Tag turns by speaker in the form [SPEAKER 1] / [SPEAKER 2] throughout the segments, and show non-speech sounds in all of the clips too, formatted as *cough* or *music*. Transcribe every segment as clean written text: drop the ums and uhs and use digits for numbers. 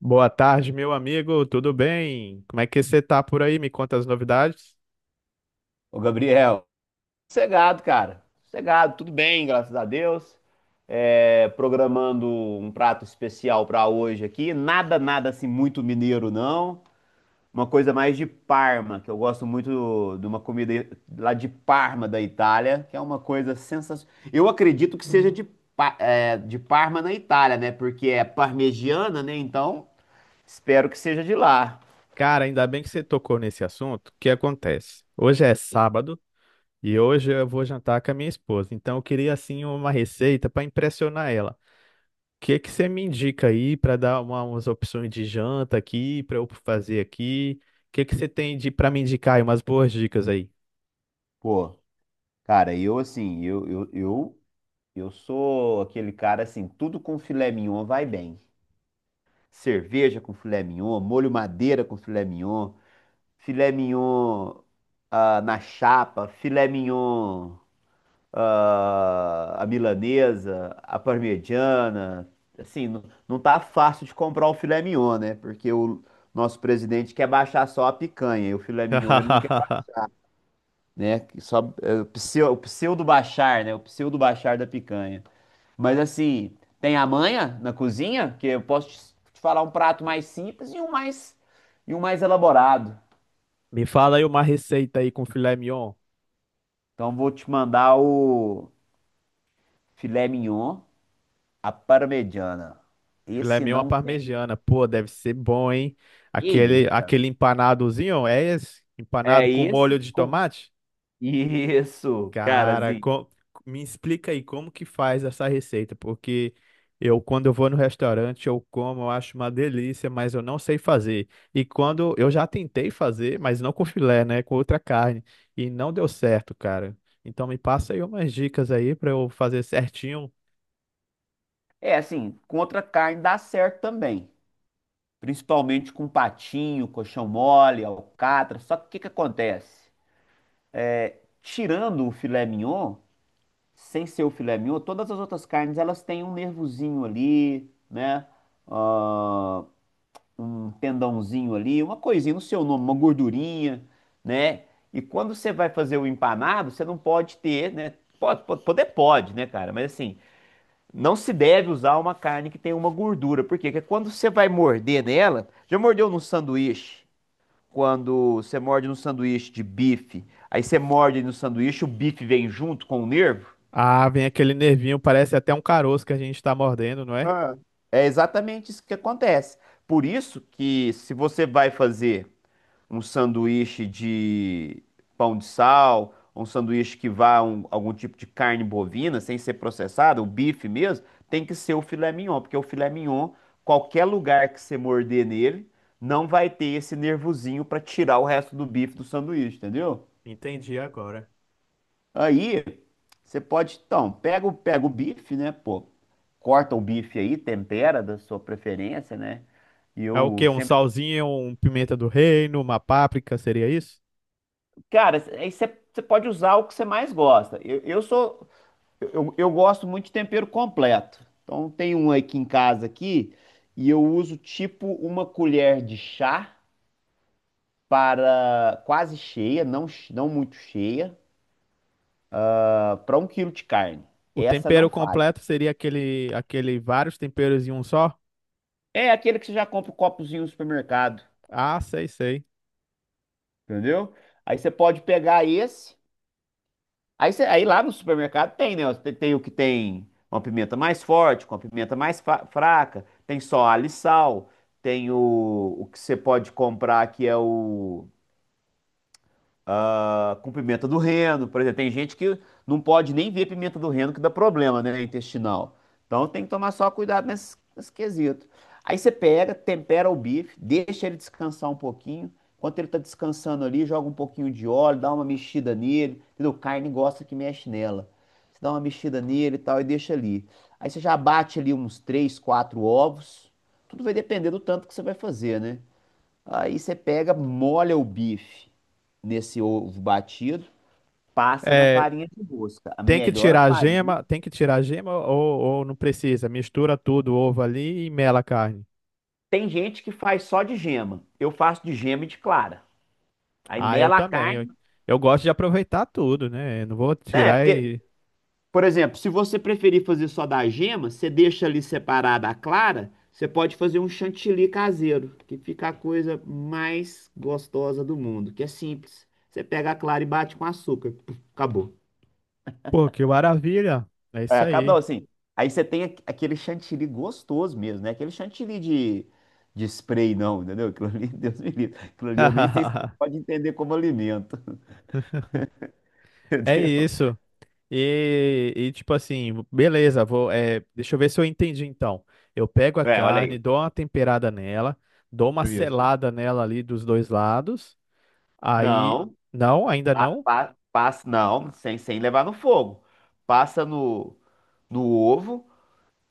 [SPEAKER 1] Boa tarde, meu amigo, tudo bem? Como é que você tá por aí? Me conta as novidades.
[SPEAKER 2] Ô, Gabriel, sossegado, cara. Sossegado, tudo bem, graças a Deus. Programando um prato especial para hoje aqui. Nada assim muito mineiro, não. Uma coisa mais de Parma, que eu gosto muito de uma comida lá de Parma, da Itália, que é uma coisa sensacional. Eu acredito que seja de, de Parma, na Itália, né? Porque é parmegiana, né? Então, espero que seja de lá.
[SPEAKER 1] Cara, ainda bem que você tocou nesse assunto. O que acontece? Hoje é sábado e hoje eu vou jantar com a minha esposa. Então eu queria assim uma receita para impressionar ela. O que que você me indica aí para dar umas opções de janta aqui, para eu fazer aqui? O que que você tem de para me indicar aí umas boas dicas aí?
[SPEAKER 2] Pô, cara, eu assim, eu sou aquele cara assim, tudo com filé mignon vai bem. Cerveja com filé mignon, molho madeira com filé mignon na chapa, filé mignon a milanesa, a parmegiana. Assim, não tá fácil de comprar o filé mignon, né? Porque o nosso presidente quer baixar só a picanha e o filé mignon ele não quer,
[SPEAKER 1] *laughs*
[SPEAKER 2] né? Só, o pseudo baixar, né? O pseudo baixar da picanha. Mas assim, tem a manha na cozinha, que eu posso te falar um prato mais simples e um mais elaborado.
[SPEAKER 1] Me fala aí uma receita aí com filé mignon.
[SPEAKER 2] Então vou te mandar o filé mignon, à parmegiana.
[SPEAKER 1] Filé
[SPEAKER 2] Esse
[SPEAKER 1] mignon à
[SPEAKER 2] não tem.
[SPEAKER 1] parmegiana, pô, deve ser bom, hein?
[SPEAKER 2] Que
[SPEAKER 1] Aquele,
[SPEAKER 2] isso?
[SPEAKER 1] aquele empanadozinho, é esse? Empanado
[SPEAKER 2] É
[SPEAKER 1] com molho
[SPEAKER 2] esse
[SPEAKER 1] de
[SPEAKER 2] com
[SPEAKER 1] tomate?
[SPEAKER 2] isso, cara,
[SPEAKER 1] Cara,
[SPEAKER 2] assim.
[SPEAKER 1] me explica aí como que faz essa receita, porque eu, quando eu vou no restaurante, eu como, eu acho uma delícia, mas eu não sei fazer. E quando eu já tentei fazer, mas não com filé, né? Com outra carne, e não deu certo, cara. Então me passa aí umas dicas aí pra eu fazer certinho.
[SPEAKER 2] É assim, com outra carne dá certo também. Principalmente com patinho, coxão mole, alcatra. Só que o que acontece? Tirando o filé mignon, sem ser o filé mignon, todas as outras carnes elas têm um nervozinho ali, né? Ah, Um tendãozinho ali, uma coisinha no seu nome, uma gordurinha, né? E quando você vai fazer o empanado, você não pode ter, né? Pode, poder pode, né, cara? Mas assim, não se deve usar uma carne que tem uma gordura. Por quê? Porque quando você vai morder nela, já mordeu num sanduíche? Quando você morde no sanduíche de bife, aí você morde no sanduíche, o bife vem junto com o nervo?
[SPEAKER 1] Ah, vem aquele nervinho, parece até um caroço que a gente tá mordendo, não é?
[SPEAKER 2] Ah, É exatamente isso que acontece. Por isso que, se você vai fazer um sanduíche de pão de sal, um sanduíche que vá um, algum tipo de carne bovina, sem ser processado, o bife mesmo, tem que ser o filé mignon, porque o filé mignon, qualquer lugar que você morder nele, não vai ter esse nervosinho para tirar o resto do bife do sanduíche, entendeu?
[SPEAKER 1] Entendi agora.
[SPEAKER 2] Aí você pode, então, pega o bife, né, pô, corta o bife aí, tempera da sua preferência, né? E
[SPEAKER 1] É o
[SPEAKER 2] eu
[SPEAKER 1] quê? Um
[SPEAKER 2] sempre.
[SPEAKER 1] salzinho, um pimenta do reino, uma páprica, seria isso?
[SPEAKER 2] Cara, aí você pode usar o que você mais gosta. Eu gosto muito de tempero completo. Então tem um aqui em casa aqui, e eu uso tipo uma colher de chá para quase cheia, não muito cheia, para um quilo de carne.
[SPEAKER 1] O
[SPEAKER 2] Essa
[SPEAKER 1] tempero
[SPEAKER 2] não falha.
[SPEAKER 1] completo seria aquele, aquele vários temperos em um só?
[SPEAKER 2] É aquele que você já compra o copozinho no supermercado.
[SPEAKER 1] Ah, sei, sei.
[SPEAKER 2] Entendeu? Aí você pode pegar esse. Aí lá no supermercado tem, né? Tem o que tem uma pimenta mais forte, com a pimenta mais fraca. Tem só alho e sal. Tem o que você pode comprar que é o com pimenta do reino, por exemplo. Tem gente que não pode nem ver pimenta do reino que dá problema, né, intestinal. Então tem que tomar só cuidado nesse quesito. Aí você pega, tempera o bife, deixa ele descansar um pouquinho. Enquanto ele tá descansando ali, joga um pouquinho de óleo, dá uma mexida nele. Entendeu? Carne gosta que mexe nela. Você dá uma mexida nele e tal e deixa ali. Aí você já bate ali uns três, quatro ovos. Tudo vai depender do tanto que você vai fazer, né? Aí você pega, molha o bife nesse ovo batido, passa na
[SPEAKER 1] É,
[SPEAKER 2] farinha de rosca. A
[SPEAKER 1] tem que
[SPEAKER 2] melhor
[SPEAKER 1] tirar a
[SPEAKER 2] farinha.
[SPEAKER 1] gema, tem que tirar a gema ou não precisa? Mistura tudo, o ovo ali e mela a carne.
[SPEAKER 2] Tem gente que faz só de gema. Eu faço de gema e de clara. Aí
[SPEAKER 1] Ah, eu
[SPEAKER 2] mela a
[SPEAKER 1] também.
[SPEAKER 2] carne.
[SPEAKER 1] Eu gosto de aproveitar tudo, né? Eu não vou
[SPEAKER 2] É,
[SPEAKER 1] tirar
[SPEAKER 2] porque,
[SPEAKER 1] e.
[SPEAKER 2] por exemplo, se você preferir fazer só da gema, você deixa ali separada a clara, você pode fazer um chantilly caseiro, que fica a coisa mais gostosa do mundo, que é simples. Você pega a clara e bate com açúcar. Puf, acabou.
[SPEAKER 1] Pô, que maravilha! É
[SPEAKER 2] É,
[SPEAKER 1] isso
[SPEAKER 2] acaba não,
[SPEAKER 1] aí.
[SPEAKER 2] assim. Aí você tem aquele chantilly gostoso mesmo, né? Aquele chantilly de spray, não, entendeu? Aquilo ali, *laughs* Deus me livre. Aquilo ali eu nem sei se
[SPEAKER 1] *laughs*
[SPEAKER 2] você pode entender como alimento, *laughs*
[SPEAKER 1] É
[SPEAKER 2] entendeu?
[SPEAKER 1] isso. Tipo assim, beleza, vou, é, deixa eu ver se eu entendi então. Eu pego a
[SPEAKER 2] É, olha aí.
[SPEAKER 1] carne, dou uma temperada nela, dou uma
[SPEAKER 2] Isso.
[SPEAKER 1] selada nela ali dos dois lados. Aí,
[SPEAKER 2] Não,
[SPEAKER 1] não, ainda não.
[SPEAKER 2] passa, não, sem, sem levar no fogo. Passa no, no ovo,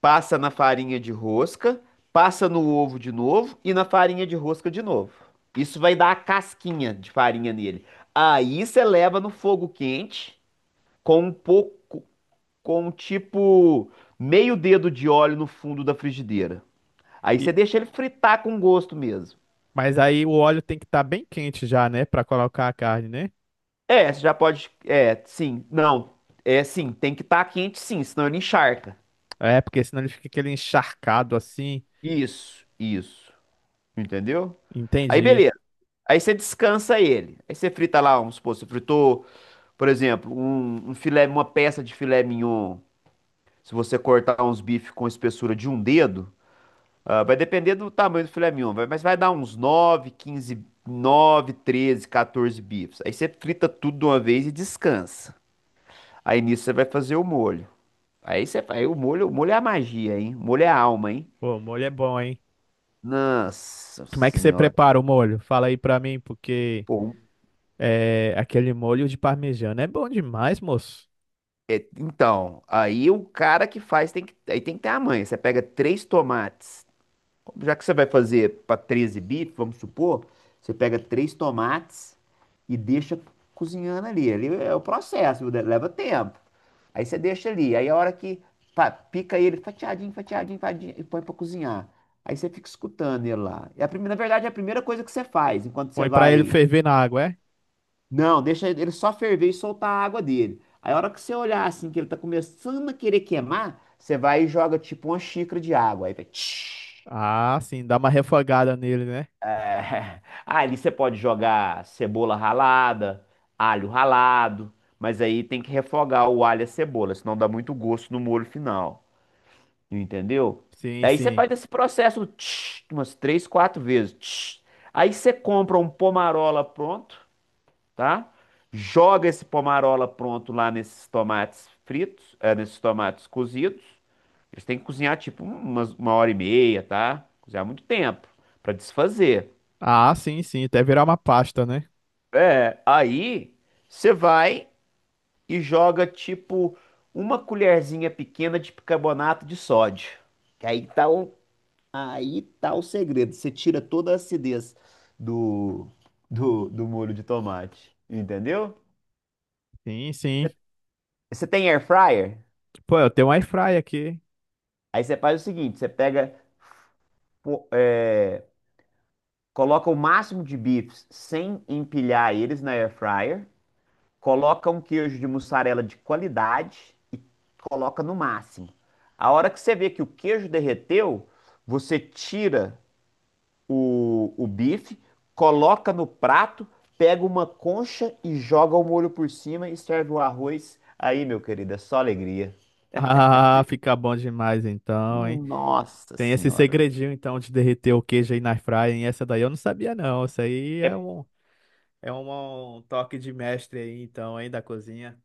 [SPEAKER 2] passa na farinha de rosca, passa no ovo de novo e na farinha de rosca de novo. Isso vai dar a casquinha de farinha nele. Aí você leva no fogo quente, com um pouco, com um tipo meio dedo de óleo no fundo da frigideira. Aí você
[SPEAKER 1] E,
[SPEAKER 2] deixa ele fritar com gosto mesmo.
[SPEAKER 1] mas aí o óleo tem que estar bem quente já, né, pra colocar a carne, né?
[SPEAKER 2] É, você já pode. É, sim, não. É, sim, tem que estar quente, sim, senão ele encharca.
[SPEAKER 1] É, porque senão ele fica aquele encharcado assim.
[SPEAKER 2] Isso, isso. Entendeu? Aí
[SPEAKER 1] Entendi.
[SPEAKER 2] beleza. Aí você descansa ele. Aí você frita lá, vamos supor, você fritou, por exemplo, um filé, uma peça de filé mignon. Se você cortar uns bifes com espessura de um dedo, ah, vai depender do tamanho do filé mignon, mas vai dar uns 9, 15, 9, 13, 14 bifes. Aí você frita tudo de uma vez e descansa. Aí nisso você vai fazer o molho. Aí o molho é a magia, hein? O molho é a alma, hein?
[SPEAKER 1] Pô, o molho é bom, hein?
[SPEAKER 2] Nossa
[SPEAKER 1] Como é que você
[SPEAKER 2] Senhora.
[SPEAKER 1] prepara o molho? Fala aí pra mim, porque
[SPEAKER 2] Pô,
[SPEAKER 1] é, aquele molho de parmegiana é bom demais, moço.
[SPEAKER 2] então, aí o cara que faz tem que, aí tem que ter a manha. Você pega três tomates. Já que você vai fazer para 13 bits, vamos supor, você pega três tomates e deixa cozinhando ali. Ali é o processo, leva tempo. Aí você deixa ali. Aí a hora que pá, pica ele fatiadinho, fatiadinho, fatiadinho e põe para cozinhar. Aí você fica escutando ele lá. Na verdade, é a primeira coisa que você faz enquanto você
[SPEAKER 1] Põe pra ele
[SPEAKER 2] vai.
[SPEAKER 1] ferver na água, é?
[SPEAKER 2] Não, deixa ele só ferver e soltar a água dele. Aí a hora que você olhar assim, que ele tá começando a querer queimar, você vai e joga tipo uma xícara de água. Aí vai, tsh.
[SPEAKER 1] Ah, sim, dá uma refogada nele, né?
[SPEAKER 2] É, *laughs* ali você pode jogar cebola ralada, alho ralado, mas aí tem que refogar o alho e a cebola, senão dá muito gosto no molho final, entendeu?
[SPEAKER 1] Sim,
[SPEAKER 2] Aí você
[SPEAKER 1] sim.
[SPEAKER 2] faz esse processo tch, umas três, quatro vezes. Tch. Aí você compra um pomarola pronto, tá? Joga esse pomarola pronto lá nesses tomates fritos, é, nesses tomates cozidos. Eles têm que cozinhar tipo uma hora e meia, tá? Cozinhar muito tempo para desfazer.
[SPEAKER 1] Ah, sim, sim, até virar uma pasta, né?
[SPEAKER 2] É, aí você vai e joga tipo uma colherzinha pequena de bicarbonato de sódio. Que aí tá o segredo. Você tira toda a acidez do, do molho de tomate. Entendeu?
[SPEAKER 1] Sim, sim.
[SPEAKER 2] Você tem air fryer?
[SPEAKER 1] Pô, eu tenho um air fry aqui. *laughs*
[SPEAKER 2] Aí você faz o seguinte: você pega, pô, é, coloca o máximo de bifes sem empilhar eles na air fryer. Coloca um queijo de mussarela de qualidade e coloca no máximo. A hora que você vê que o queijo derreteu, você tira o bife, coloca no prato, pega uma concha e joga o molho por cima e serve o arroz. Aí, meu querido, é só alegria.
[SPEAKER 1] Ah, fica bom demais então, hein?
[SPEAKER 2] Nossa
[SPEAKER 1] Tem esse
[SPEAKER 2] Senhora.
[SPEAKER 1] segredinho então de derreter o queijo aí na air fry, hein? Essa daí eu não sabia não. Isso aí
[SPEAKER 2] É,
[SPEAKER 1] é um é um toque de mestre aí então, hein, da cozinha.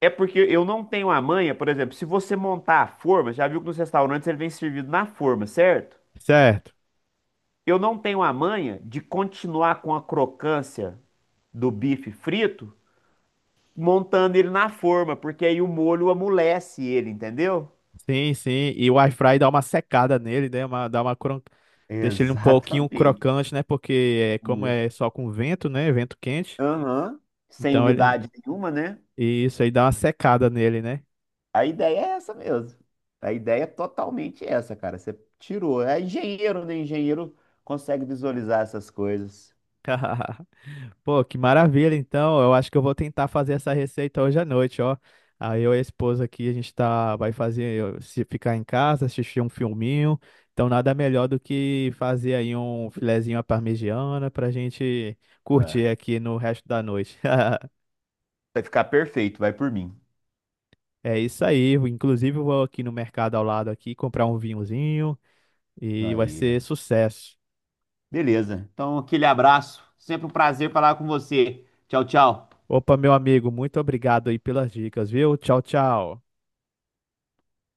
[SPEAKER 2] é porque eu não tenho a manha, por exemplo, se você montar a forma, já viu que nos restaurantes ele vem servido na forma, certo?
[SPEAKER 1] Certo.
[SPEAKER 2] Eu não tenho a manha de continuar com a crocância do bife frito, montando ele na forma, porque aí o molho amolece ele, entendeu?
[SPEAKER 1] Sim, sim. E o air fry dá uma secada nele, né? Uma, dá uma cron... deixa ele um pouquinho
[SPEAKER 2] Exatamente.
[SPEAKER 1] crocante, né? Porque é como é
[SPEAKER 2] Isso.
[SPEAKER 1] só com vento, né? Vento quente.
[SPEAKER 2] Aham. Sem
[SPEAKER 1] Então ele.
[SPEAKER 2] umidade nenhuma, né?
[SPEAKER 1] E isso aí dá uma secada nele, né?
[SPEAKER 2] A ideia é essa mesmo. A ideia é totalmente essa, cara. Você tirou. É engenheiro, né? Engenheiro consegue visualizar essas coisas.
[SPEAKER 1] *laughs* Pô, que maravilha, então. Eu acho que eu vou tentar fazer essa receita hoje à noite, ó. Aí eu e a esposa aqui, a gente tá, vai fazer, se ficar em casa, assistir um filminho. Então nada melhor do que fazer aí um filezinho à parmegiana pra gente curtir
[SPEAKER 2] É.
[SPEAKER 1] aqui no resto da noite. *laughs*
[SPEAKER 2] Vai ficar perfeito, vai por mim.
[SPEAKER 1] É isso aí. Inclusive eu vou aqui no mercado ao lado aqui comprar um vinhozinho e vai
[SPEAKER 2] Aí.
[SPEAKER 1] ser sucesso.
[SPEAKER 2] Beleza. Então, aquele abraço. Sempre um prazer falar com você. Tchau, tchau.
[SPEAKER 1] Opa, meu amigo, muito obrigado aí pelas dicas, viu? Tchau, tchau.